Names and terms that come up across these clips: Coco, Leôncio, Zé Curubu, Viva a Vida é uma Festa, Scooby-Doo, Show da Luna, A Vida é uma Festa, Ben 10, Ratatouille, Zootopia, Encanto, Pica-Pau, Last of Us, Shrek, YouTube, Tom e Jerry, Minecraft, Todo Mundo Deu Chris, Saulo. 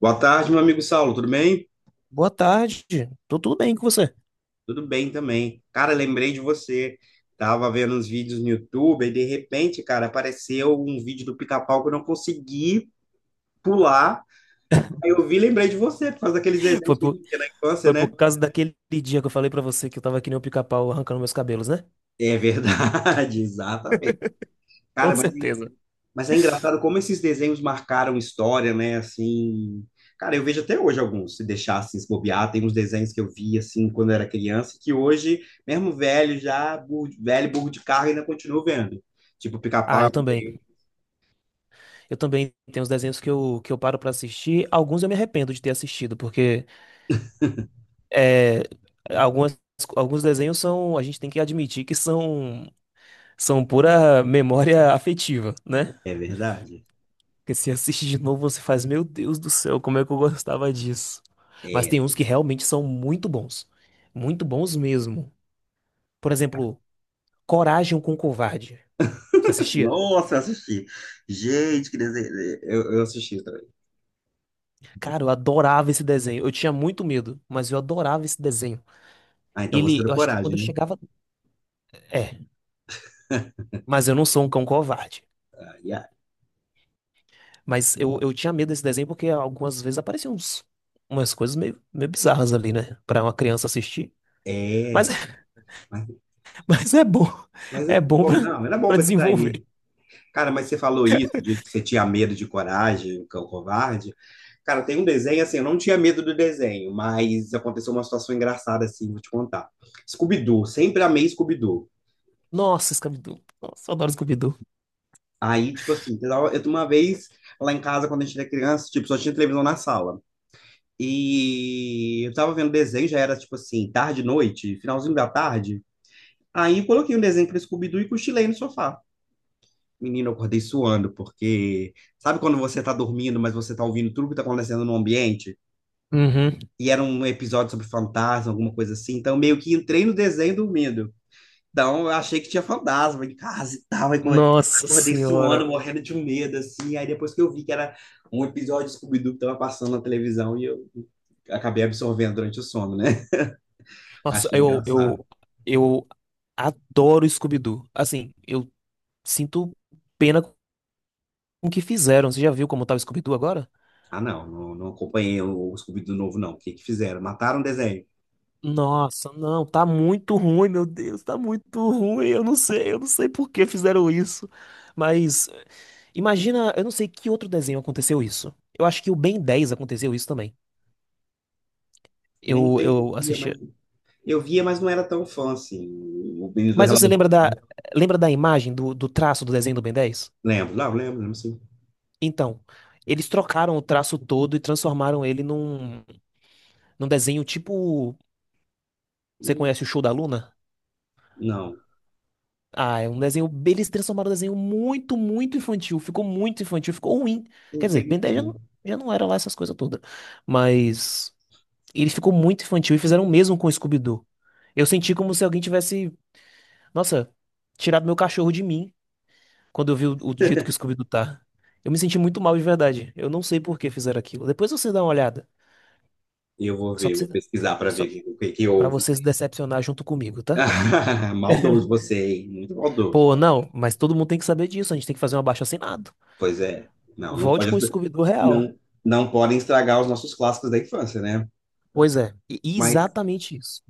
Boa tarde, meu amigo Saulo, tudo bem? Boa tarde. Tô tudo bem com você? Tudo bem também. Cara, lembrei de você. Tava vendo uns vídeos no YouTube e de repente, cara, apareceu um vídeo do Pica-Pau que eu não consegui pular. Aí eu vi, e lembrei de você, por causa daqueles Foi desenhos que a por, gente tinha na infância, foi por né? causa daquele dia que eu falei pra você que eu tava que nem um pica-pau arrancando meus cabelos, né? É verdade, exatamente. Com Cara, certeza. mas é engraçado como esses desenhos marcaram história, né? Assim, cara, eu vejo até hoje alguns, se deixassem se bobear, tem uns desenhos que eu vi assim quando eu era criança, que hoje, mesmo velho, já burro, velho, burro de carga, ainda continuo vendo. Tipo Ah, eu Pica-Pau. também. Eu também tenho uns desenhos que eu paro pra assistir. Alguns eu me arrependo de ter assistido, porque é, algumas, alguns desenhos são, a gente tem que admitir que são pura memória afetiva, né? É verdade. Porque se assiste de novo, você faz, meu Deus do céu, como é que eu gostava disso? Mas É. tem uns que realmente são muito bons. Muito bons mesmo. Por exemplo, Coragem com o Covarde. Você assistia? Nossa, eu assisti. Gente, que desenho. Eu assisti também. Cara, eu adorava esse desenho. Eu tinha muito medo, mas eu adorava esse desenho. Ah, então você Ele, deu eu acho que quando coragem, eu né? chegava. É, mas eu não sou um cão covarde. Ah, yeah. Mas eu tinha medo desse desenho porque algumas vezes apareciam umas coisas meio bizarras ali, né? Pra uma criança assistir. Mas, É. Mas, mas é bom. mas é É bom bom. Não, era bom pra pra isso desenvolver. daí. Cara, mas você falou isso de que você tinha medo de coragem, o cão covarde. Cara, tem um desenho assim, eu não tinha medo do desenho, mas aconteceu uma situação engraçada assim, vou te contar. Scooby-Doo, sempre amei Scooby-Doo. Nossa, Scooby-Doo. Nossa, eu adoro Scooby-Doo. Aí, tipo assim, eu uma vez lá em casa, quando a gente era criança, tipo, só tinha televisão na sala. E eu tava vendo desenho, já era tipo assim, tarde, noite, finalzinho da tarde. Aí eu coloquei um desenho pra Scooby-Doo e cochilei no sofá. Menina, eu acordei suando, porque sabe quando você tá dormindo, mas você tá ouvindo tudo que tá acontecendo no ambiente? Uhum. E era um episódio sobre fantasma, alguma coisa assim. Então, eu meio que entrei no desenho dormindo. Então, eu achei que tinha fantasma em casa e tal. Aí, Nossa acordei suando, senhora. morrendo de um medo, assim. Aí, depois que eu vi que era um episódio de Scooby-Doo que tava passando na televisão, e eu acabei absorvendo durante o sono, né? Nossa, Achei engraçado. Eu Adoro Scooby-Doo. Assim, eu sinto pena com o que fizeram. Você já viu como tá o Scooby-Doo agora? Ah, não, não, não acompanhei o Scooby-Doo novo, não. O que que fizeram? Mataram o desenho. Nossa, não, tá muito ruim, meu Deus, tá muito ruim. Eu não sei por que fizeram isso. Mas imagina, eu não sei que outro desenho aconteceu isso. Eu acho que o Ben Dez aconteceu isso também. Nem Eu, 10 eu dias, assisti. mas. Eu via, mas não era tão fã assim. O Menino do Mas você Relógio. Lembra da imagem, do traço do desenho do Ben Dez? Lembro, não, lembro, lembro assim. Então, eles trocaram o traço todo e transformaram ele num desenho tipo. Você Hum. conhece o Show da Luna? Não, Ah, é um desenho. Eles transformaram um desenho muito, muito infantil. Ficou muito infantil, ficou ruim. Quer dizer, Ben 10 entendi. Já não era lá essas coisas todas. Mas ele ficou muito infantil e fizeram o mesmo com o Scooby-Doo. Eu senti como se alguém tivesse, nossa, tirado meu cachorro de mim quando eu vi o jeito que o Scooby-Doo tá. Eu me senti muito mal de verdade. Eu não sei por que fizeram aquilo. Depois você dá uma olhada. Eu vou Só pra ver, vou você, pesquisar para ver só o que que pra houve. você se decepcionar junto comigo, tá? Maldoso você, hein? Muito maldoso. Pô, não, mas todo mundo tem que saber disso. A gente tem que fazer um abaixo-assinado. Pois é. Não, não Volte com pode, o Scooby-Doo real. não, não podem estragar os nossos clássicos da infância, né? Pois é, e Mas exatamente isso.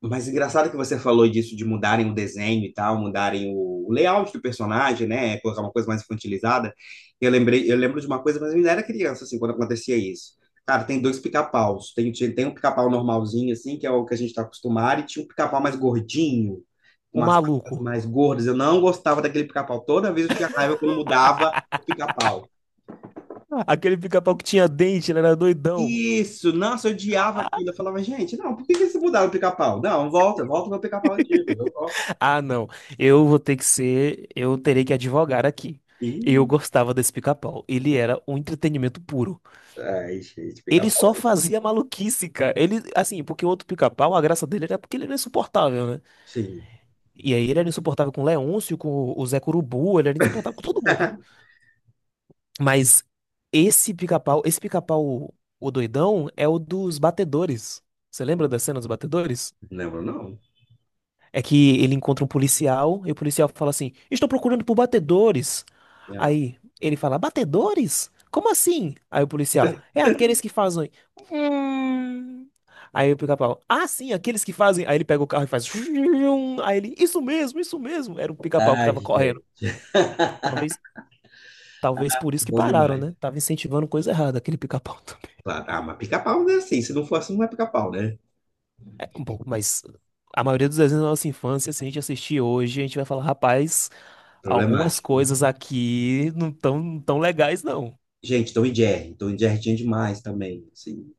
Mas engraçado que você falou disso de mudarem o desenho e tal, mudarem o layout do personagem, né? Colocar uma coisa mais infantilizada. Eu lembrei, eu lembro de uma coisa, mas eu ainda era criança, assim, quando acontecia isso. Cara, tem dois pica-paus. Tem um pica-pau normalzinho, assim, que é o que a gente tá acostumado, e tinha um pica-pau mais gordinho, com O umas patas maluco. mais gordas. Eu não gostava daquele pica-pau. Toda vez eu tinha raiva quando mudava o pica-pau. Aquele pica-pau que tinha dente, ele era doidão. Isso, nossa, eu odiava aquilo. Eu falava, gente, não, por que que eles mudaram o pica-pau? Não, volta, volta o meu pica-pau antigo, eu gosto. Ah, não. Eu vou ter que ser. Eu terei que advogar aqui. Eu gostava desse pica-pau. Ele era um entretenimento puro. Ai, gente, Ele pica-pau. só fazia maluquice, cara. Ele, assim, porque o outro pica-pau, a graça dele era porque ele era insuportável, né? Sim. E aí ele era insuportável com o Leôncio, com o Zé Curubu, ele era insuportável com todo mundo. Mas esse pica-pau, o doidão, é o dos batedores. Você lembra da cena dos batedores? Lembro, não. É que ele encontra um policial e o policial fala assim: estou procurando por batedores. Ah, Aí ele fala: batedores? Como assim? Aí o policial: é aqueles que fazem. "Hum." Aí o pica-pau: ah, sim, aqueles que fazem. Aí ele pega o carro e faz. Hum. Aí ele: isso mesmo, isso mesmo. Era um pica-pau que ai, tava correndo. gente, Talvez, talvez por isso que bom pararam, demais. né? Tava incentivando coisa errada aquele pica-pau. Claro. Ah, mas pica-pau, né? Assim, se não for assim, não é pica-pau, né? Um pouco, mas a maioria dos desenhos da nossa infância, se a gente assistir hoje, a gente vai falar, rapaz, algumas Problemático. coisas aqui tão legais, não. Gente, Tom e Jerry. Tom e Jerry tinha demais também. Assim,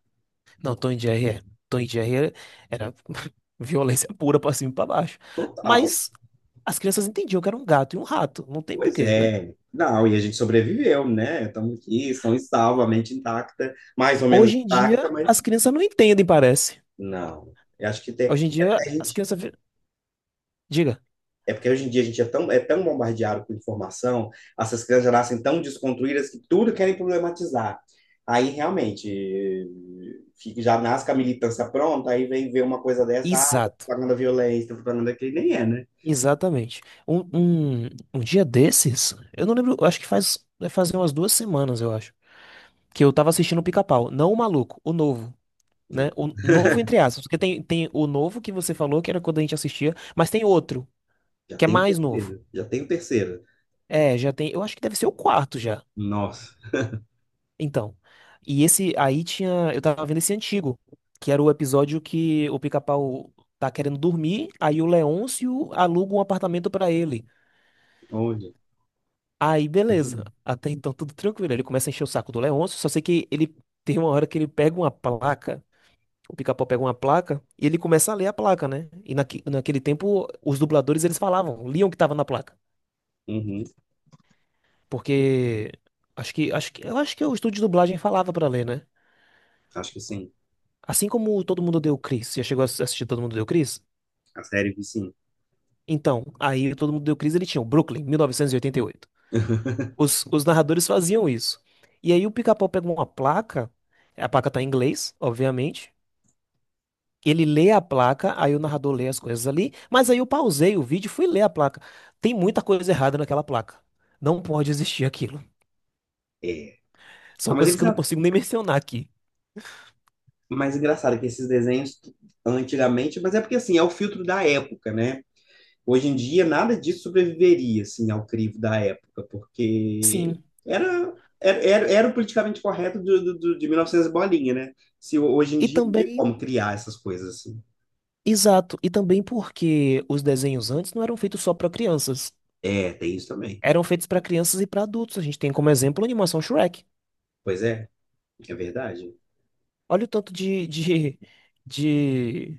Não, Tom e Jerry, Tom e Jerry era violência pura pra cima e pra baixo. total. Mas as crianças entendiam que era um gato e um rato, não tem Pois porquê, né? é. Não, e a gente sobreviveu, né? Estamos aqui, são e salvo, a mente intacta, mais ou menos Hoje em dia, intacta, mas as crianças não entendem, parece. não. Eu acho que tem, Hoje em é dia, até a as gente. crianças... vi- Diga, É porque hoje em dia a gente é tão bombardeado com informação, essas crianças já nascem tão desconstruídas que tudo querem problematizar. Aí realmente já nasce com a militância pronta, aí vem ver uma coisa dessa, ah, tá exato, propagando violência, tá propagando aquele, nem é, né? exatamente. Um dia desses, eu não lembro, eu acho que faz, vai fazer umas duas semanas, eu acho, que eu tava assistindo o Pica-Pau, não o maluco, o novo, né? O novo entre aspas, porque tem o novo que você falou, que era quando a gente assistia, mas tem outro, Já que é tem o mais novo. terceiro, já tem o terceiro. É, já tem, eu acho que deve ser o quarto já. Nossa, Então, e esse aí tinha, eu tava vendo esse antigo, que era o episódio que o Pica-Pau tá querendo dormir, aí o Leôncio aluga um apartamento pra ele. olha. Aí, beleza. Uhum. Até então, tudo tranquilo. Ele começa a encher o saco do Leôncio, só sei que ele tem uma hora que ele pega uma placa. O pica-pau pega uma placa e ele começa a ler a placa, né? E naquele tempo, os dubladores, eles falavam, liam o que tava na placa. Uhum. Porque eu acho que o estúdio de dublagem falava pra ler, né? Acho que sim. Assim como o Todo Mundo Deu Chris. Já chegou a assistir Todo Mundo Deu Chris? A série vi sim. Então, aí o Todo Mundo Deu Chris, ele tinha o Brooklyn, 1988. Os narradores faziam isso. E aí o pica-pau pega uma placa, a placa tá em inglês, obviamente. Ele lê a placa, aí o narrador lê as coisas ali, mas aí eu pausei o vídeo e fui ler a placa. Tem muita coisa errada naquela placa. Não pode existir aquilo. É. São Ah, mas coisas eles que eu não consigo nem mencionar aqui. mas engraçado que esses desenhos antigamente, mas é porque assim, é o filtro da época, né? Hoje em dia, nada disso sobreviveria, assim, ao crivo da época, porque Sim. era o politicamente correto de 1900 bolinha, né? Se hoje em E dia não tem também, como criar essas coisas assim. exato, e também porque os desenhos antes não eram feitos só para crianças. É, tem isso também. Eram feitos para crianças e para adultos. A gente tem como exemplo a animação Shrek. Pois é, é verdade. Olha o tanto de,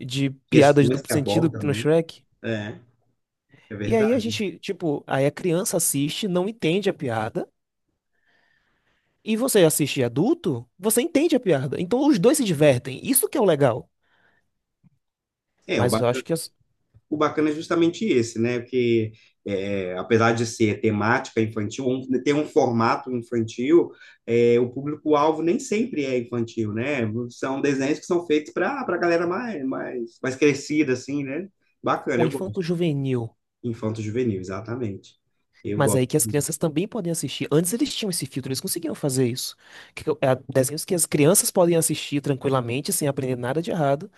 de piada de Questões duplo que sentido que abordam, tem no né? Shrek. É, é E aí a verdade. gente, tipo, aí a criança assiste, não entende a piada. E você assiste adulto, você entende a piada. Então os dois se divertem. Isso que é o legal. É, o Mas eu acho que as- o bacana é justamente esse, né? Que é, apesar de ser temática infantil, um, ter um formato infantil, é, o público-alvo nem sempre é infantil, né? São desenhos que são feitos para a galera mais, mais, mais crescida, assim, né? Bacana, O eu gosto. infanto-juvenil. Infanto-juvenil, exatamente. Eu Mas gosto, aí que as crianças também podem assistir. Antes eles tinham esse filtro, eles conseguiam fazer isso. Que, é, desenhos que as crianças podem assistir tranquilamente, sem aprender nada de errado.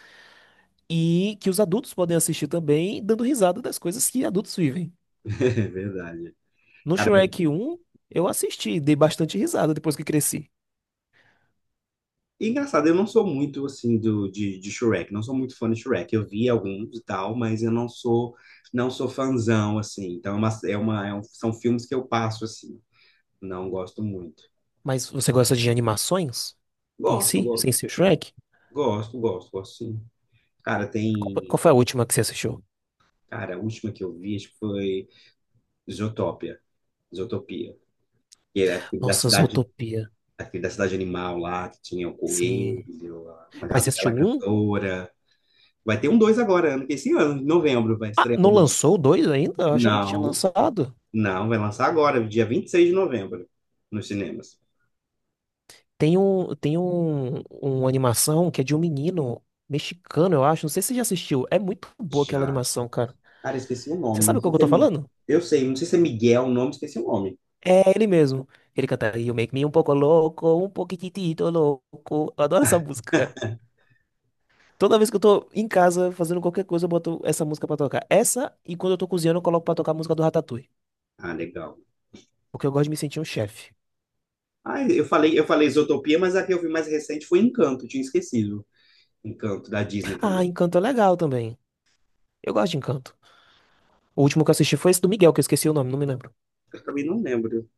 E que os adultos podem assistir também, dando risada das coisas que adultos vivem. é verdade. No Cara, Shrek um eu assisti, dei bastante risada depois que cresci. e engraçado, eu não sou muito assim do, de Shrek, não sou muito fã de Shrek. Eu vi alguns e tal, mas eu não sou não sou fãzão assim. Então são filmes que eu passo assim. Não gosto muito. Mas você gosta de animações em Gosto, si, go- sem ser o Shrek? Gosto, gosto, gosto sim. Cara, Foi qual tem, foi a última que você assistiu? cara, a última que eu vi acho que foi Zootopia, Zootopia. Que era Nossa, Zootopia. aquele da cidade animal lá que tinha o Sim. coelho, a Mas você assistiu gazela um? cantora. Vai ter um dois agora, ano que esse ano, em novembro, vai Ah, estrear o não dois. lançou o dois ainda? Eu achava que tinha Não, lançado. não, vai lançar agora, dia 26 de novembro, nos cinemas. Tem um, uma animação que é de um menino mexicano, eu acho. Não sei se você já assistiu. É muito boa aquela Já. animação, cara. Cara, eu esqueci o Você nome. Não sabe o que sei eu se é tô Mi... falando? Eu sei, não sei se é Miguel o nome, esqueci o nome. É ele mesmo. Ele canta You Make Me Um Pouco Louco, Um Pouquitito Louco. Eu adoro essa música, cara. Toda vez que eu tô em casa fazendo qualquer coisa, eu boto essa música pra tocar. Essa, e quando eu tô cozinhando, eu coloco pra tocar a música do Ratatouille. Ah, legal. Porque eu gosto de me sentir um chefe. Ah, eu falei Zootopia, mas a que eu vi mais recente foi Encanto, tinha esquecido. Encanto, da Disney Ah, também. Encanto é legal também. Eu gosto de Encanto. O último que eu assisti foi esse do Miguel, que eu esqueci o nome, não me lembro. Eu também não lembro. Não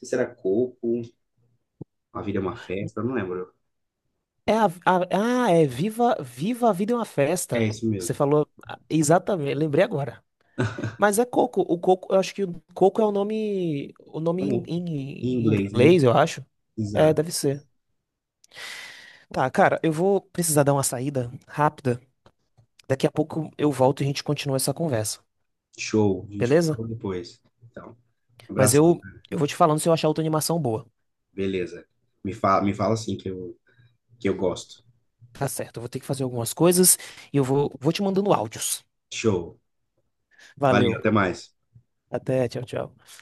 sei se era Coco, A Vida é uma Festa, não lembro. Viva a Vida é uma É Festa. isso Você mesmo. falou ah, exatamente, lembrei agora. Mas é coco. O coco, eu acho que o coco é o nome Tá bom. Em em inglês, né? inglês, eu acho. É, Exato. deve ser. Tá, cara, eu vou precisar dar uma saída rápida. Daqui a pouco eu volto e a gente continua essa conversa, Show. A gente beleza? fala depois. Então, Mas abração. eu, eu vou te falando se eu achar outra animação boa. Beleza. Me fala assim que eu gosto. Tá certo, eu vou ter que fazer algumas coisas e vou te mandando áudios. Show. Valeu, Valeu. até mais. Até, tchau, tchau.